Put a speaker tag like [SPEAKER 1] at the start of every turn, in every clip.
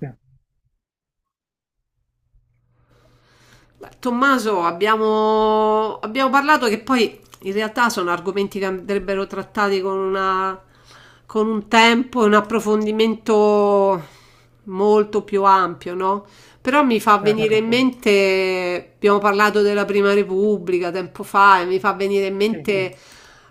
[SPEAKER 1] Sì,
[SPEAKER 2] Beh, Tommaso, abbiamo parlato che poi in realtà sono argomenti che andrebbero trattati con un tempo e un approfondimento molto più ampio, no? Però mi fa venire
[SPEAKER 1] certo,
[SPEAKER 2] in mente, abbiamo parlato della Prima Repubblica tempo fa, e mi fa venire in
[SPEAKER 1] sì.
[SPEAKER 2] mente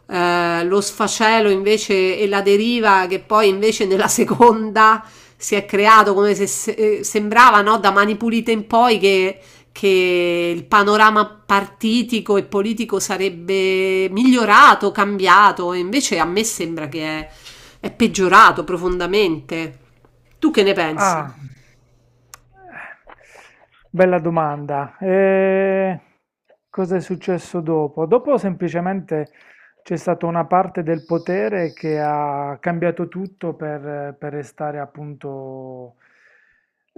[SPEAKER 2] lo sfacelo invece e la deriva che poi invece nella seconda si è creato come sembrava, no? Da Mani Pulite in poi che il panorama partitico e politico sarebbe migliorato, cambiato, e invece a me sembra che è peggiorato profondamente. Tu che ne pensi?
[SPEAKER 1] Ah, bella domanda. Cosa è successo dopo? Dopo semplicemente c'è stata una parte del potere che ha cambiato tutto per restare appunto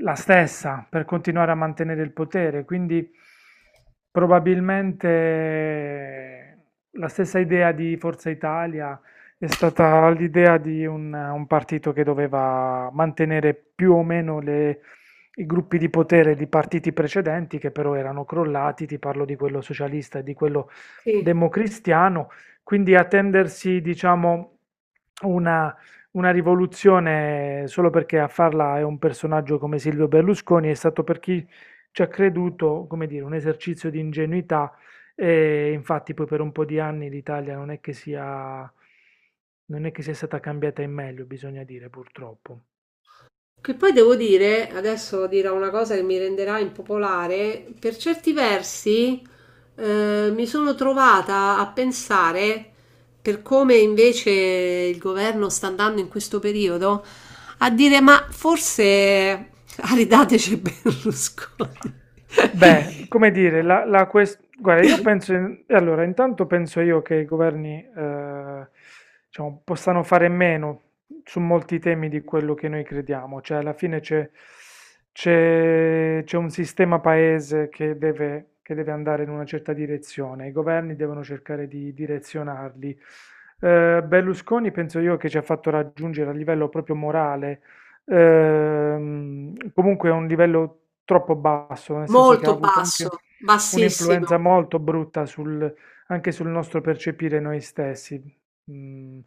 [SPEAKER 1] la stessa, per continuare a mantenere il potere. Quindi probabilmente la stessa idea di Forza Italia è stata l'idea di un partito che doveva mantenere più o meno i gruppi di potere di partiti precedenti che però erano crollati, ti parlo di quello socialista e di quello
[SPEAKER 2] Sì.
[SPEAKER 1] democristiano, quindi attendersi, diciamo, una, una rivoluzione solo perché a farla è un personaggio come Silvio Berlusconi è stato per chi ci ha creduto, come dire, un esercizio di ingenuità, e infatti poi per un po' di anni l'Italia non è che sia stata cambiata in meglio, bisogna dire, purtroppo.
[SPEAKER 2] Che poi devo dire, adesso dirò una cosa che mi renderà impopolare, per certi versi mi sono trovata a pensare, per come invece il governo sta andando in questo periodo, a dire ma forse aridateci Berlusconi.
[SPEAKER 1] Beh, come dire, guarda, io penso, allora, intanto penso io che i governi, diciamo, possano fare meno su molti temi di quello che noi crediamo, cioè alla fine c'è un sistema paese che deve andare in una certa direzione, i governi devono cercare di direzionarli. Berlusconi penso io che ci ha fatto raggiungere a livello proprio morale, comunque, è un livello troppo basso, nel senso che ha
[SPEAKER 2] Molto
[SPEAKER 1] avuto anche
[SPEAKER 2] basso,
[SPEAKER 1] un'influenza
[SPEAKER 2] bassissimo.
[SPEAKER 1] molto brutta sul- anche sul nostro percepire noi stessi. Mm.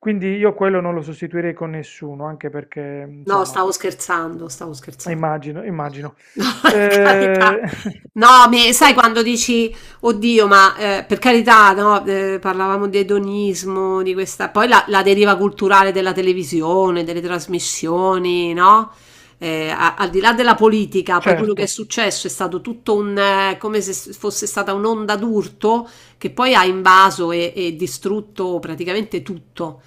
[SPEAKER 1] Quindi io quello non lo sostituirei con nessuno, anche perché,
[SPEAKER 2] No,
[SPEAKER 1] insomma,
[SPEAKER 2] stavo scherzando, stavo scherzando.
[SPEAKER 1] immagino, immagino.
[SPEAKER 2] No, per carità.
[SPEAKER 1] Eh,
[SPEAKER 2] No, sai quando dici, oddio, ma per carità, no, parlavamo di edonismo, di questa, poi la deriva culturale della televisione, delle trasmissioni, no? Al di là della politica, poi quello che è
[SPEAKER 1] certo.
[SPEAKER 2] successo è stato tutto un, come se fosse stata un'onda d'urto che poi ha invaso e distrutto praticamente tutto,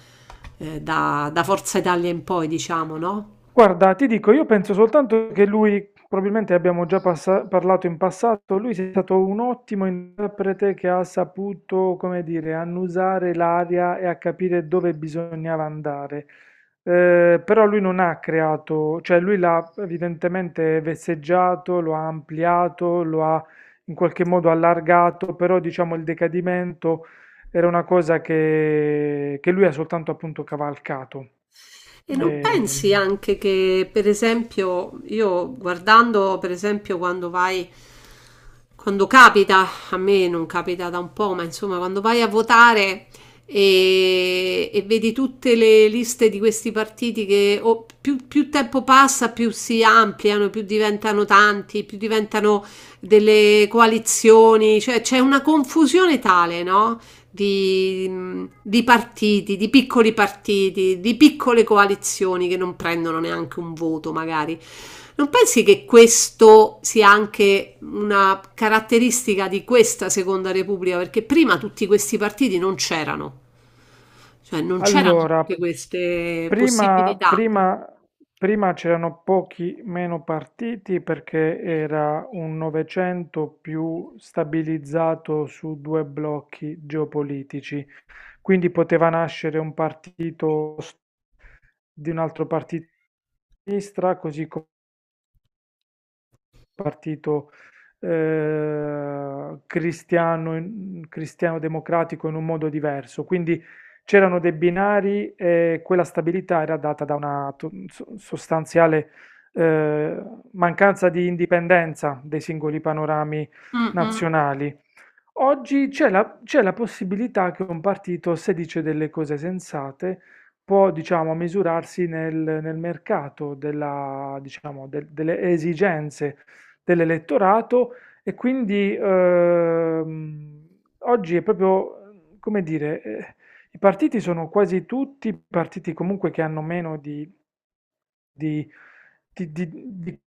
[SPEAKER 2] da Forza Italia in poi, diciamo, no?
[SPEAKER 1] Guarda, ti dico, io penso soltanto che lui, probabilmente abbiamo già parlato in passato, lui è stato un ottimo interprete che ha saputo, come dire, annusare l'aria e a capire dove bisognava andare. Però lui non ha creato, cioè lui l'ha evidentemente vesseggiato, lo ha ampliato, lo ha in qualche modo allargato, però diciamo il decadimento era una cosa che lui ha soltanto appunto cavalcato.
[SPEAKER 2] E non
[SPEAKER 1] Eh,
[SPEAKER 2] pensi anche che, per esempio, io guardando, per esempio, quando capita, a me non capita da un po', ma insomma, quando vai a votare e vedi tutte le liste di questi partiti che o più tempo passa, più si ampliano, più diventano tanti, più diventano delle coalizioni, cioè c'è una confusione tale, no? di, di partiti, di piccoli partiti, di piccole coalizioni che non prendono neanche un voto magari. Non pensi che questo sia anche una caratteristica di questa Seconda Repubblica? Perché prima tutti questi partiti non c'erano, cioè non c'erano tutte
[SPEAKER 1] Allora,
[SPEAKER 2] queste
[SPEAKER 1] prima,
[SPEAKER 2] possibilità.
[SPEAKER 1] prima- prima c'erano pochi meno partiti perché era un Novecento più stabilizzato su due blocchi geopolitici, quindi poteva nascere un partito di un altro partito di sinistra, così come un partito cristiano, cristiano democratico in un modo diverso. Quindi c'erano dei binari e quella stabilità era data da una sostanziale eh, mancanza di indipendenza dei singoli panorami
[SPEAKER 2] Mm, mm.
[SPEAKER 1] nazionali. Oggi c'è la possibilità che un partito, se dice delle cose sensate, può, diciamo, misurarsi nel mercato della, diciamo, delle esigenze dell'elettorato, e quindi oggi è proprio, come dire, i partiti sono quasi tutti partiti comunque che hanno meno di di di di di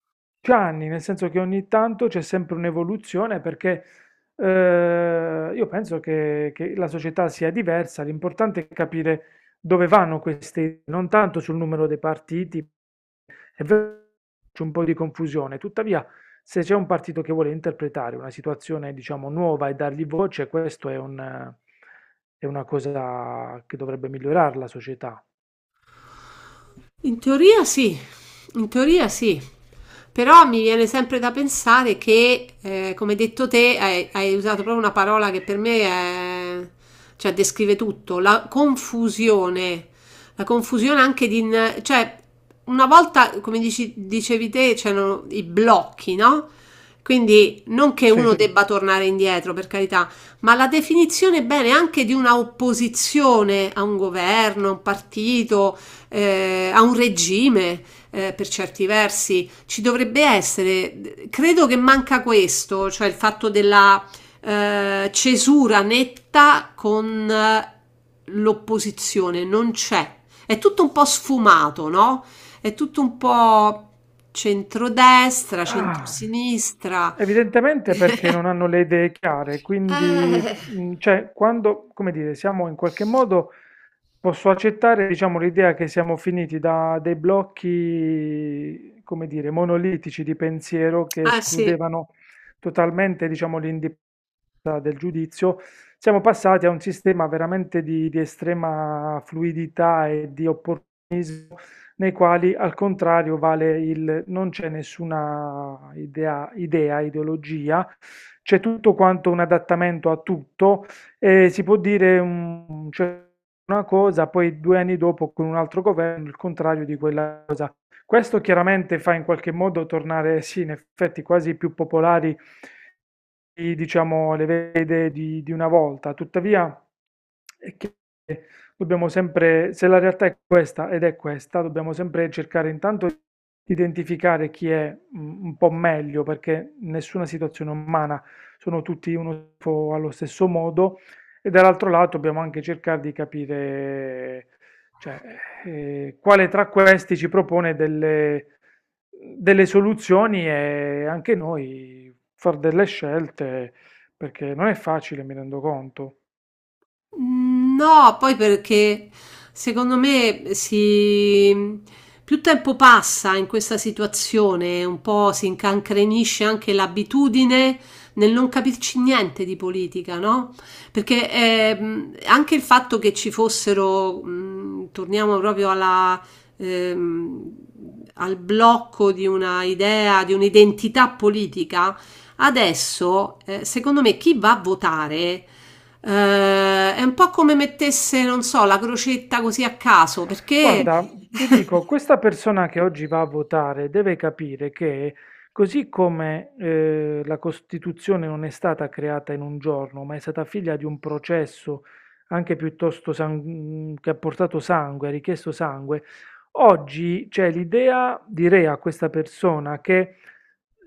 [SPEAKER 1] anni, nel senso che ogni tanto c'è sempre un'evoluzione perché, io penso che la società sia diversa, l'importante è capire dove vanno queste idee, non tanto sul numero dei partiti. È vero che c'è un po' di confusione, tuttavia se c'è un partito che vuole interpretare una situazione, diciamo, nuova e dargli voce, questo è un è una cosa che dovrebbe migliorare la società.
[SPEAKER 2] In teoria sì, in teoria sì, però mi viene sempre da pensare che, come hai detto te, hai usato proprio una parola che per me è, cioè, descrive tutto, la confusione anche cioè, una volta, come dicevi te, c'erano i blocchi, no? Quindi non che
[SPEAKER 1] Sì.
[SPEAKER 2] uno debba tornare indietro, per carità, ma la definizione bene anche di una opposizione a un governo, a un partito, a un regime, per certi versi. Ci dovrebbe essere, credo che manca questo, cioè il fatto della cesura netta con l'opposizione, non c'è. È tutto un po' sfumato, no? È tutto un po' centrodestra,
[SPEAKER 1] Ah,
[SPEAKER 2] centrosinistra.
[SPEAKER 1] evidentemente perché non hanno le idee chiare, quindi,
[SPEAKER 2] Eh,
[SPEAKER 1] cioè, quando, come dire, siamo in qualche modo, posso accettare, diciamo, l'idea che siamo finiti da dei blocchi, come dire, monolitici di pensiero che
[SPEAKER 2] ah sì.
[SPEAKER 1] escludevano totalmente, diciamo, l'indipendenza del giudizio, siamo passati a un sistema veramente di estrema fluidità e di opportunità nei quali al contrario vale il non c'è nessuna ideologia, c'è tutto quanto un adattamento a tutto e si può dire cioè, una cosa, poi due anni dopo con un altro governo il contrario di quella cosa. Questo chiaramente fa in qualche modo tornare, sì, in effetti quasi più popolari diciamo, le vede di una volta. Tuttavia, è dobbiamo sempre, se la realtà è questa ed è questa, dobbiamo sempre cercare intanto di identificare chi è un po' meglio, perché nessuna situazione è umana, sono tutti uno schifo allo stesso modo, e dall'altro lato dobbiamo anche cercare di capire, cioè, quale tra questi ci propone delle soluzioni, e anche noi far delle scelte, perché non è facile, mi rendo conto.
[SPEAKER 2] No, poi perché secondo me più tempo passa in questa situazione, un po' si incancrenisce anche l'abitudine nel non capirci niente di politica, no? Perché anche il fatto che ci fossero, torniamo proprio ehm, al blocco di una idea, di un'identità politica, adesso, secondo me, chi va a votare è un po' come mettesse, non so, la crocetta così a caso, perché
[SPEAKER 1] Guarda, ti dico, questa persona che oggi va a votare deve capire che, così come la Costituzione non è stata creata in un giorno, ma è stata figlia di un processo anche piuttosto che ha portato sangue, ha richiesto sangue, oggi c'è l'idea, direi a questa persona, che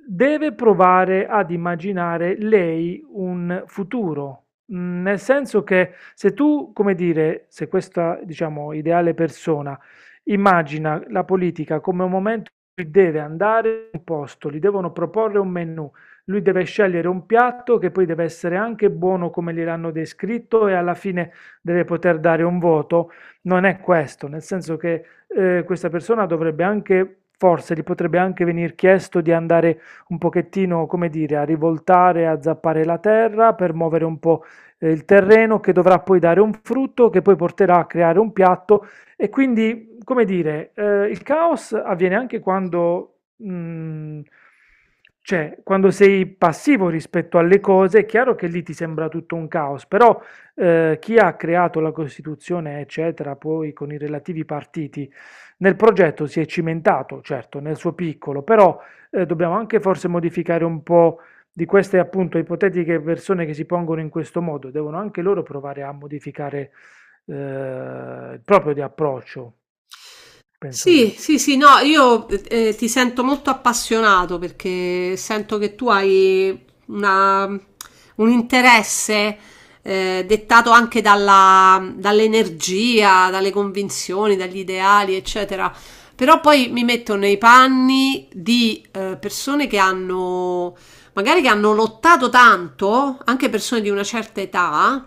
[SPEAKER 1] deve provare ad immaginare lei un futuro. Mm. Nel senso che se tu, come dire, se questa, diciamo, ideale persona immagina la politica come un momento in cui deve andare in un posto, gli devono proporre un menù, lui deve scegliere un piatto che poi deve essere anche buono come gliel'hanno descritto e alla fine deve poter dare un voto, non è questo, nel senso che questa persona dovrebbe anche, forse gli potrebbe anche venir chiesto di andare un pochettino, come dire, a rivoltare, a zappare la terra per muovere un po' il terreno che dovrà poi dare un frutto che poi porterà a creare un piatto, e quindi, come dire, il caos avviene anche quando, cioè, quando sei passivo rispetto alle cose, è chiaro che lì ti sembra tutto un caos, però chi ha creato la Costituzione, eccetera, poi con i relativi partiti, nel progetto si è cimentato, certo, nel suo piccolo, però dobbiamo anche forse modificare un po' di queste appunto ipotetiche persone che si pongono in questo modo, devono anche loro provare a modificare il proprio di approccio, penso
[SPEAKER 2] Sì,
[SPEAKER 1] io.
[SPEAKER 2] sì, sì, no, io ti sento molto appassionato perché sento che tu hai una- un interesse dettato anche dall'energia, dalle convinzioni, dagli ideali, eccetera. Però poi mi metto nei panni di persone che hanno, magari che hanno lottato tanto, anche persone di una certa età,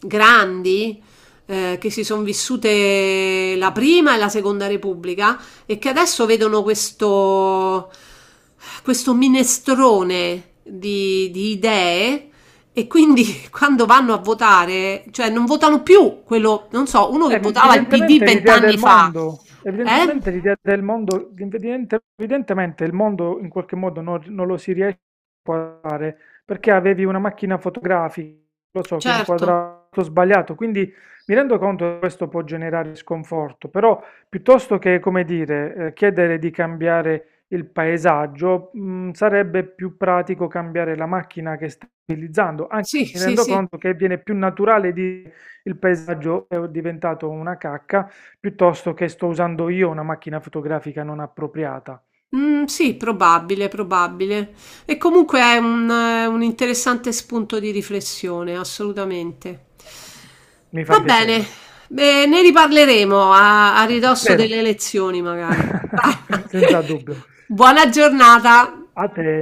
[SPEAKER 2] grandi che si sono vissute la Prima e la Seconda Repubblica e che adesso vedono questo, minestrone di idee e quindi quando vanno a votare, cioè non votano più quello, non so, uno che votava il PD
[SPEAKER 1] Evidentemente l'idea
[SPEAKER 2] 20 anni
[SPEAKER 1] del
[SPEAKER 2] fa,
[SPEAKER 1] mondo,
[SPEAKER 2] eh?
[SPEAKER 1] evidentemente l'idea del mondo, evidentemente il mondo in qualche modo non lo si riesce a fare perché avevi una macchina fotografica, lo so, che
[SPEAKER 2] Certo,
[SPEAKER 1] inquadrava tutto sbagliato, quindi mi rendo conto che questo può generare sconforto, però piuttosto che, come dire, chiedere di cambiare il paesaggio, sarebbe più pratico cambiare la macchina che stai utilizzando, anche
[SPEAKER 2] sì,
[SPEAKER 1] mi
[SPEAKER 2] sì,
[SPEAKER 1] rendo
[SPEAKER 2] sì.
[SPEAKER 1] conto che viene più naturale di il paesaggio è diventato una cacca, piuttosto che sto usando io una macchina fotografica non appropriata.
[SPEAKER 2] Mm, sì, probabile, probabile. E comunque è un interessante spunto di riflessione, assolutamente.
[SPEAKER 1] Mi fa
[SPEAKER 2] Va
[SPEAKER 1] piacere.
[SPEAKER 2] bene, beh, ne riparleremo a ridosso
[SPEAKER 1] Spero.
[SPEAKER 2] delle elezioni, magari. Va.
[SPEAKER 1] Senza dubbio.
[SPEAKER 2] Buona giornata.
[SPEAKER 1] A te.